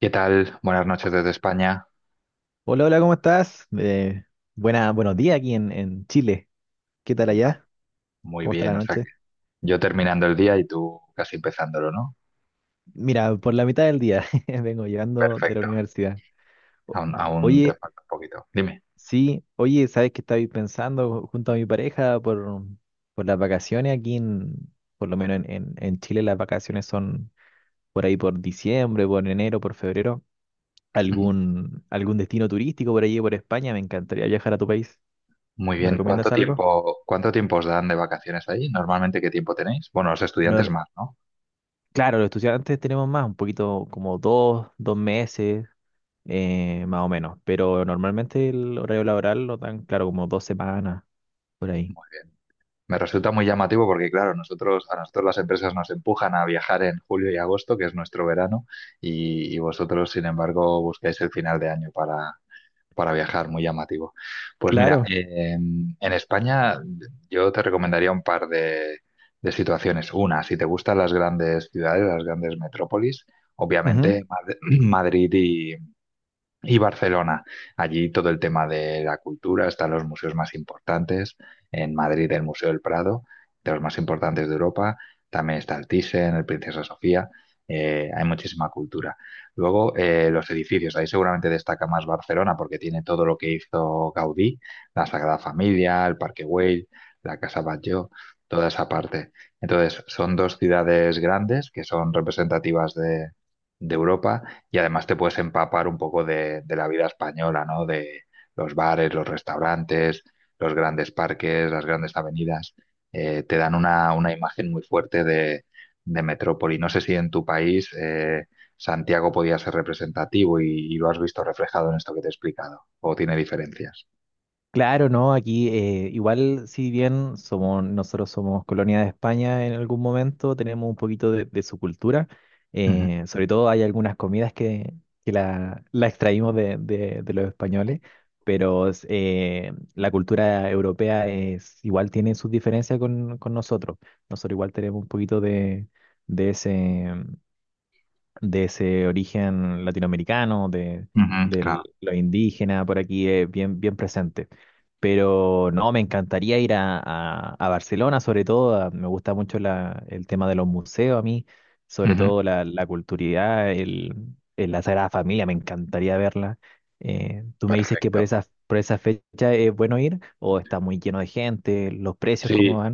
¿Qué tal? Buenas noches desde España. Hola, hola, ¿cómo estás? Buenos días aquí en Chile. ¿Qué tal Vale. allá? Muy ¿Cómo está la bien, o sea noche? que yo terminando el día y tú casi empezándolo, ¿no? Mira, por la mitad del día vengo llegando de la Perfecto. universidad. O- Aún te Oye, falta un poquito. Dime. sí, oye, ¿sabes qué estaba pensando junto a mi pareja por las vacaciones aquí por lo menos en Chile las vacaciones son por ahí por diciembre, por enero, por febrero. Ujú. ¿Algún destino turístico por allí, por España? Me encantaría viajar a tu país. Muy ¿Me bien. Recomiendas algo? Cuánto tiempo os dan de vacaciones ahí? Normalmente, ¿qué tiempo tenéis? Bueno, los estudiantes No, más, ¿no? claro, los estudiantes tenemos más, un poquito como dos meses, más o menos, pero normalmente el horario laboral lo dan, claro, como 2 semanas por ahí. Muy bien. Me resulta muy llamativo porque, claro, nosotros, a nosotros las empresas nos empujan a viajar en julio y agosto, que es nuestro verano, y vosotros, sin embargo, buscáis el final de año para viajar, muy llamativo. Pues mira, Claro. En España yo te recomendaría un par de situaciones. Una, si te gustan las grandes ciudades, las grandes metrópolis, Ujú. obviamente Madrid y Barcelona. Allí todo el tema de la cultura, están los museos más importantes. En Madrid el Museo del Prado, de los más importantes de Europa. También está el Thyssen, el Princesa Sofía. Hay muchísima cultura. Luego los edificios. Ahí seguramente destaca más Barcelona porque tiene todo lo que hizo Gaudí, la Sagrada Familia, el Parque Güell, la Casa Batlló, toda esa parte. Entonces son dos ciudades grandes que son representativas de Europa y además te puedes empapar un poco de la vida española, ¿no? De los bares, los restaurantes, los grandes parques, las grandes avenidas, te dan una imagen muy fuerte de metrópoli. No sé si en tu país Santiago podía ser representativo y lo has visto reflejado en esto que te he explicado, o tiene diferencias. Claro, no, aquí igual si bien somos, nosotros somos colonia de España en algún momento, tenemos un poquito de su cultura, Ujú, sobre todo hay algunas comidas que la extraímos de los españoles, pero es, la cultura europea es, igual tiene sus diferencias con nosotros, nosotros igual tenemos un poquito de ese, de ese origen latinoamericano, de, ujú, claro. Lo indígena por aquí, bien, bien presente. Pero no, me encantaría ir a, a Barcelona, sobre todo, me gusta mucho el tema de los museos a mí, sobre Ujú, todo la, la culturalidad, el, la Sagrada Familia, me encantaría verla. Tú me dices que por perfecto. esa, por esa fecha es bueno ir o está muy lleno de gente, los precios, ¿cómo Sí.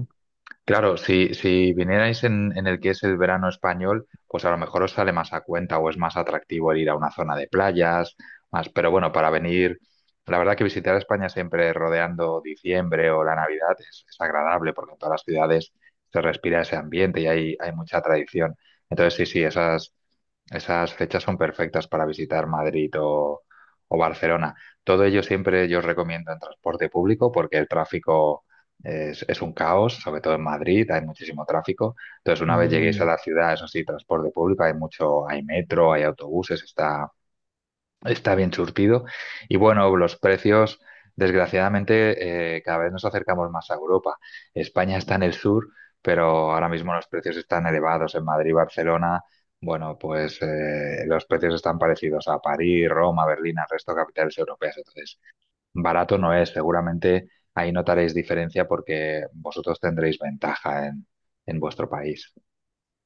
Claro, si, si vinierais en el que es el verano español, pues a lo mejor os sale más a cuenta o es más atractivo el ir a una zona de playas, más, pero bueno, para venir, la verdad que visitar España siempre rodeando diciembre o la Navidad es agradable porque en todas las ciudades se respira ese ambiente y hay mucha tradición. Entonces, sí, sí, esas, esas fechas son perfectas para visitar Madrid o Barcelona. Todo ello siempre yo os recomiendo en transporte público porque el tráfico es un caos, sobre todo en Madrid, hay muchísimo tráfico. Entonces, una vez lleguéis a van? la ciudad, eso sí, transporte público, hay mucho, hay metro, hay autobuses, está, está bien surtido. Y bueno, los precios, desgraciadamente, cada vez nos acercamos más a Europa. España está en el sur, pero ahora mismo los precios están elevados. En Madrid, Barcelona, bueno, pues los precios están parecidos a París, Roma, Berlín, al resto de capitales europeas. Entonces, barato no es. Seguramente ahí notaréis diferencia porque vosotros tendréis ventaja en vuestro país.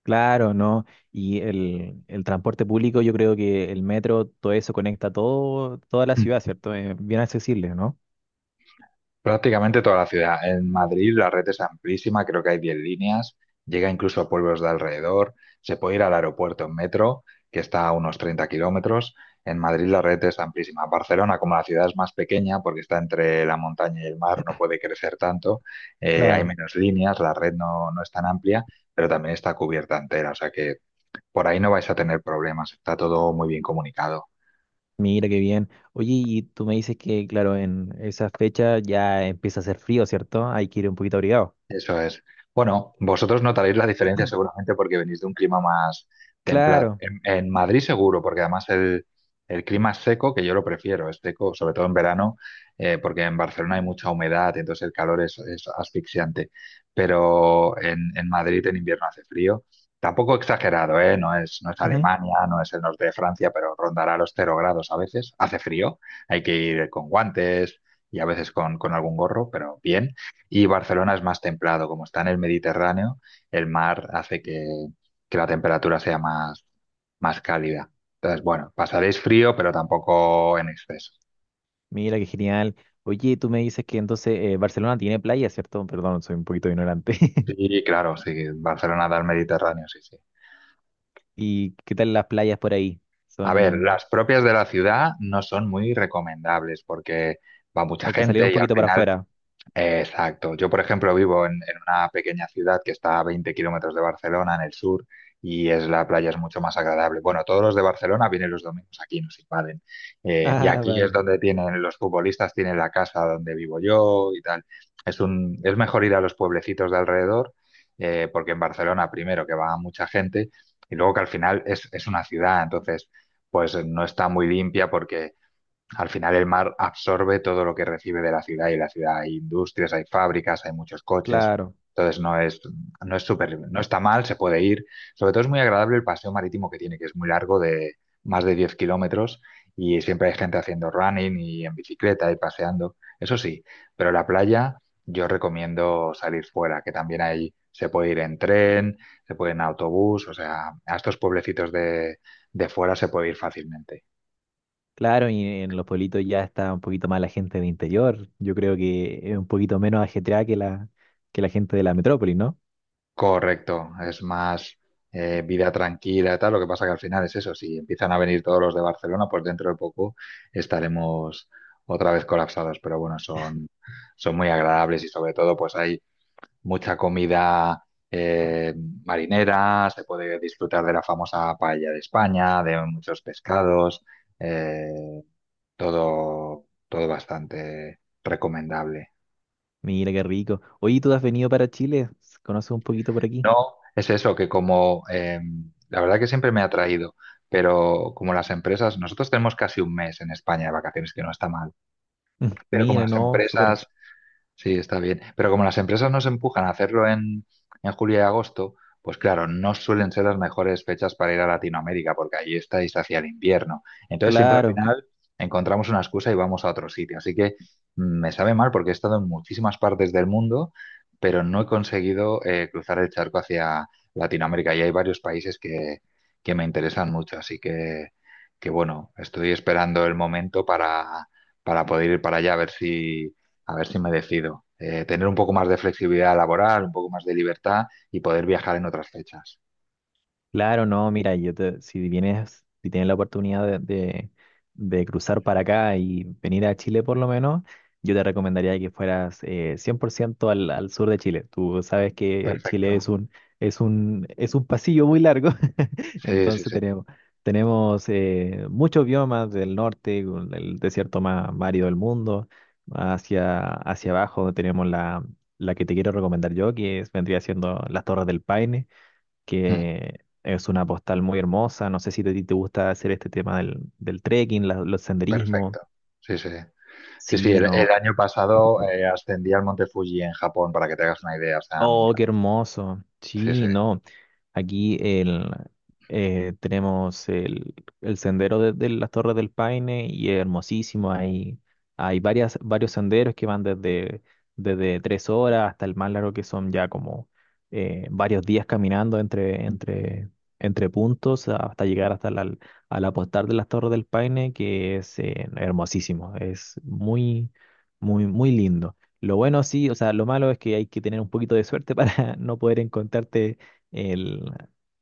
Claro, ¿no? Y el transporte público, yo creo que el metro, todo eso conecta todo, toda la ciudad, ¿cierto? Es bien accesible, ¿no? Prácticamente toda la ciudad. En Madrid la red es amplísima, creo que hay 10 líneas, llega incluso a pueblos de alrededor, se puede ir al aeropuerto en metro, que está a unos 30 kilómetros. En Madrid la red es amplísima. Barcelona, como la ciudad es más pequeña, porque está entre la montaña y el mar, no puede crecer tanto, hay Claro. menos líneas, la red no, no es tan amplia, pero también está cubierta entera, o sea que por ahí no vais a tener problemas, está todo muy bien comunicado. Mira qué bien. Oye, y tú me dices que, claro, en esa fecha ya empieza a hacer frío, ¿cierto? Hay que ir un poquito abrigado. Eso es. Bueno, vosotros notaréis la diferencia seguramente porque venís de un clima más templado. Claro. En Madrid seguro, porque además el clima es seco, que yo lo prefiero, es seco, sobre todo en verano, porque en Barcelona hay mucha humedad, entonces el calor es asfixiante. Pero en Madrid en invierno hace frío. Tampoco exagerado, ¿eh? No es, no es Ujú. Alemania, no es el norte de Francia, pero rondará los 0 grados a veces. Hace frío, hay que ir con guantes y a veces con algún gorro, pero bien. Y Barcelona es más templado, como está en el Mediterráneo, el mar hace que la temperatura sea más, más cálida. Entonces, bueno, pasaréis frío, pero tampoco en exceso. Mira qué genial. Oye, tú me dices que entonces Barcelona tiene playas, ¿cierto? Perdón, soy un poquito ignorante. Sí, claro, sí, Barcelona da al Mediterráneo, sí, sí. ¿Y qué tal las playas por ahí? A ver, Son. las propias de la ciudad no son muy recomendables porque va mucha Hay que salir un gente y al poquito para final afuera. exacto. Yo, por ejemplo, vivo en una pequeña ciudad que está a 20 kilómetros de Barcelona, en el sur, y es la playa es mucho más agradable. Bueno, todos los de Barcelona vienen los domingos aquí, nos invaden. Y Ah, aquí es vale. donde tienen los futbolistas, tienen la casa donde vivo yo y tal. Es un, es mejor ir a los pueblecitos de alrededor, porque en Barcelona, primero, que va mucha gente, y luego que al final es una ciudad, entonces, pues no está muy limpia porque al final el mar absorbe todo lo que recibe de la ciudad y en la ciudad hay industrias, hay fábricas, hay muchos coches. Claro. Entonces no es, no es súper, no está mal, se puede ir. Sobre todo es muy agradable el paseo marítimo que tiene, que es muy largo, de más de 10 kilómetros, y siempre hay gente haciendo running y en bicicleta y paseando. Eso sí, pero la playa yo recomiendo salir fuera, que también ahí se puede ir en tren, se puede ir en autobús, o sea, a estos pueblecitos de fuera se puede ir fácilmente. Claro, y en los pueblitos ya está un poquito más la gente de interior. Yo creo que es un poquito menos ajetreada que la gente de la metrópoli, ¿no? Correcto, es más vida tranquila y tal. Lo que pasa que al final es eso, si empiezan a venir todos los de Barcelona, pues dentro de poco estaremos otra vez colapsados. Pero bueno, son, son muy agradables y sobre todo pues hay mucha comida eh, marinera, se puede disfrutar de la famosa paella de España, de muchos pescados, eh, todo, todo bastante recomendable. Mira qué rico. Oye, ¿tú has venido para Chile? ¿Conoces un poquito por aquí? No, es eso, que como la verdad que siempre me ha atraído, pero como las empresas, nosotros tenemos casi un mes en España de vacaciones, que no está mal, Mm, pero como mira, las no, súper. empresas sí, está bien. Pero como las empresas nos empujan a hacerlo en julio y agosto, pues claro, no suelen ser las mejores fechas para ir a Latinoamérica, porque allí estáis hacia el invierno. Entonces siempre al Claro, final encontramos una excusa y vamos a otro sitio. Así que me sabe mal porque he estado en muchísimas partes del mundo, pero no he conseguido cruzar el charco hacia Latinoamérica. Y hay varios países que me interesan mucho. Así que bueno, estoy esperando el momento para poder ir para allá a ver si me decido. Tener un poco más de flexibilidad laboral, un poco más de libertad y poder viajar en otras fechas. claro, no, mira, si vienes, si tienes la oportunidad de cruzar para acá y venir a Chile por lo menos, yo te recomendaría que fueras 100% al sur de Chile. Tú sabes que Chile Perfecto. es un, es un pasillo muy largo. Sí, sí, Entonces sí. tenemos muchos biomas del norte, con el desierto más árido del mundo. Hacia abajo tenemos la que te quiero recomendar yo, vendría siendo las Torres del Paine, Mm, que es una postal muy hermosa. No sé si te gusta hacer este tema del trekking, los senderismos. perfecto. Sí, sí. Sí, sí, Sí, el no. año pasado ascendí al Monte Fuji en Japón, para que te hagas una idea. O sea, me Oh, qué encanta. hermoso. Sí, sí. Sí, no. Aquí tenemos el sendero de las Torres del Paine y es hermosísimo. Hay varios senderos que van desde 3 horas hasta el más largo que son ya como varios días caminando entre puntos hasta llegar hasta al apostar de las Torres del Paine, que es hermosísimo. Es muy, muy, muy lindo. Lo bueno sí, o sea, lo malo es que hay que tener un poquito de suerte para no poder encontrarte el,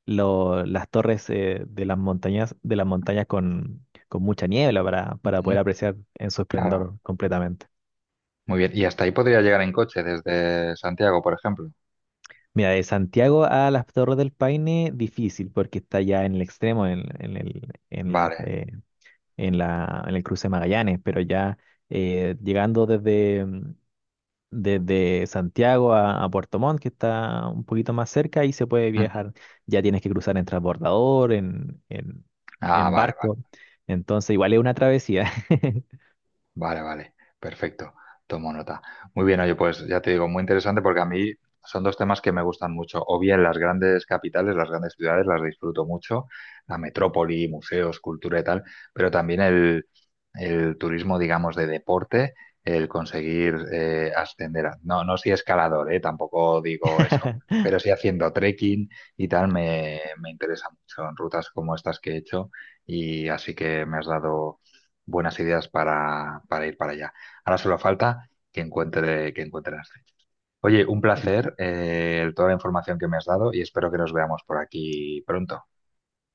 las torres de las montañas, con mucha niebla para Ujú. poder apreciar en su Claro. esplendor completamente. Muy bien. Y hasta ahí podría llegar en coche desde Santiago, por ejemplo. Mira, de Santiago a las Torres del Paine, difícil, porque está ya en el extremo, en el, en la, Vale. En la, en el cruce de Magallanes, pero ya llegando desde Santiago a Puerto Montt, que está un poquito más cerca, y se puede Ujú. viajar. Ya tienes que cruzar en transbordador, en, en, Ah, en vale, vale. barco. Entonces, igual es una travesía. Vale, vale, perfecto, tomo nota. Muy bien, oye, pues ya te digo, muy interesante porque a mí son dos temas que me gustan mucho. O bien las grandes capitales, las grandes ciudades, las disfruto mucho, la metrópoli, museos, cultura y tal, pero también el turismo, digamos, de deporte, el conseguir ascender. No, no soy escalador, tampoco digo eso, pero sí haciendo trekking y tal, me interesa mucho en rutas como estas que he hecho y así que me has dado buenas ideas para ir para allá. Ahora solo falta que encuentre las fechas. Oye, un El- placer, toda la información que me has dado y espero que nos veamos por aquí pronto.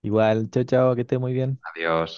igual, chao, chao, que esté muy bien. Adiós.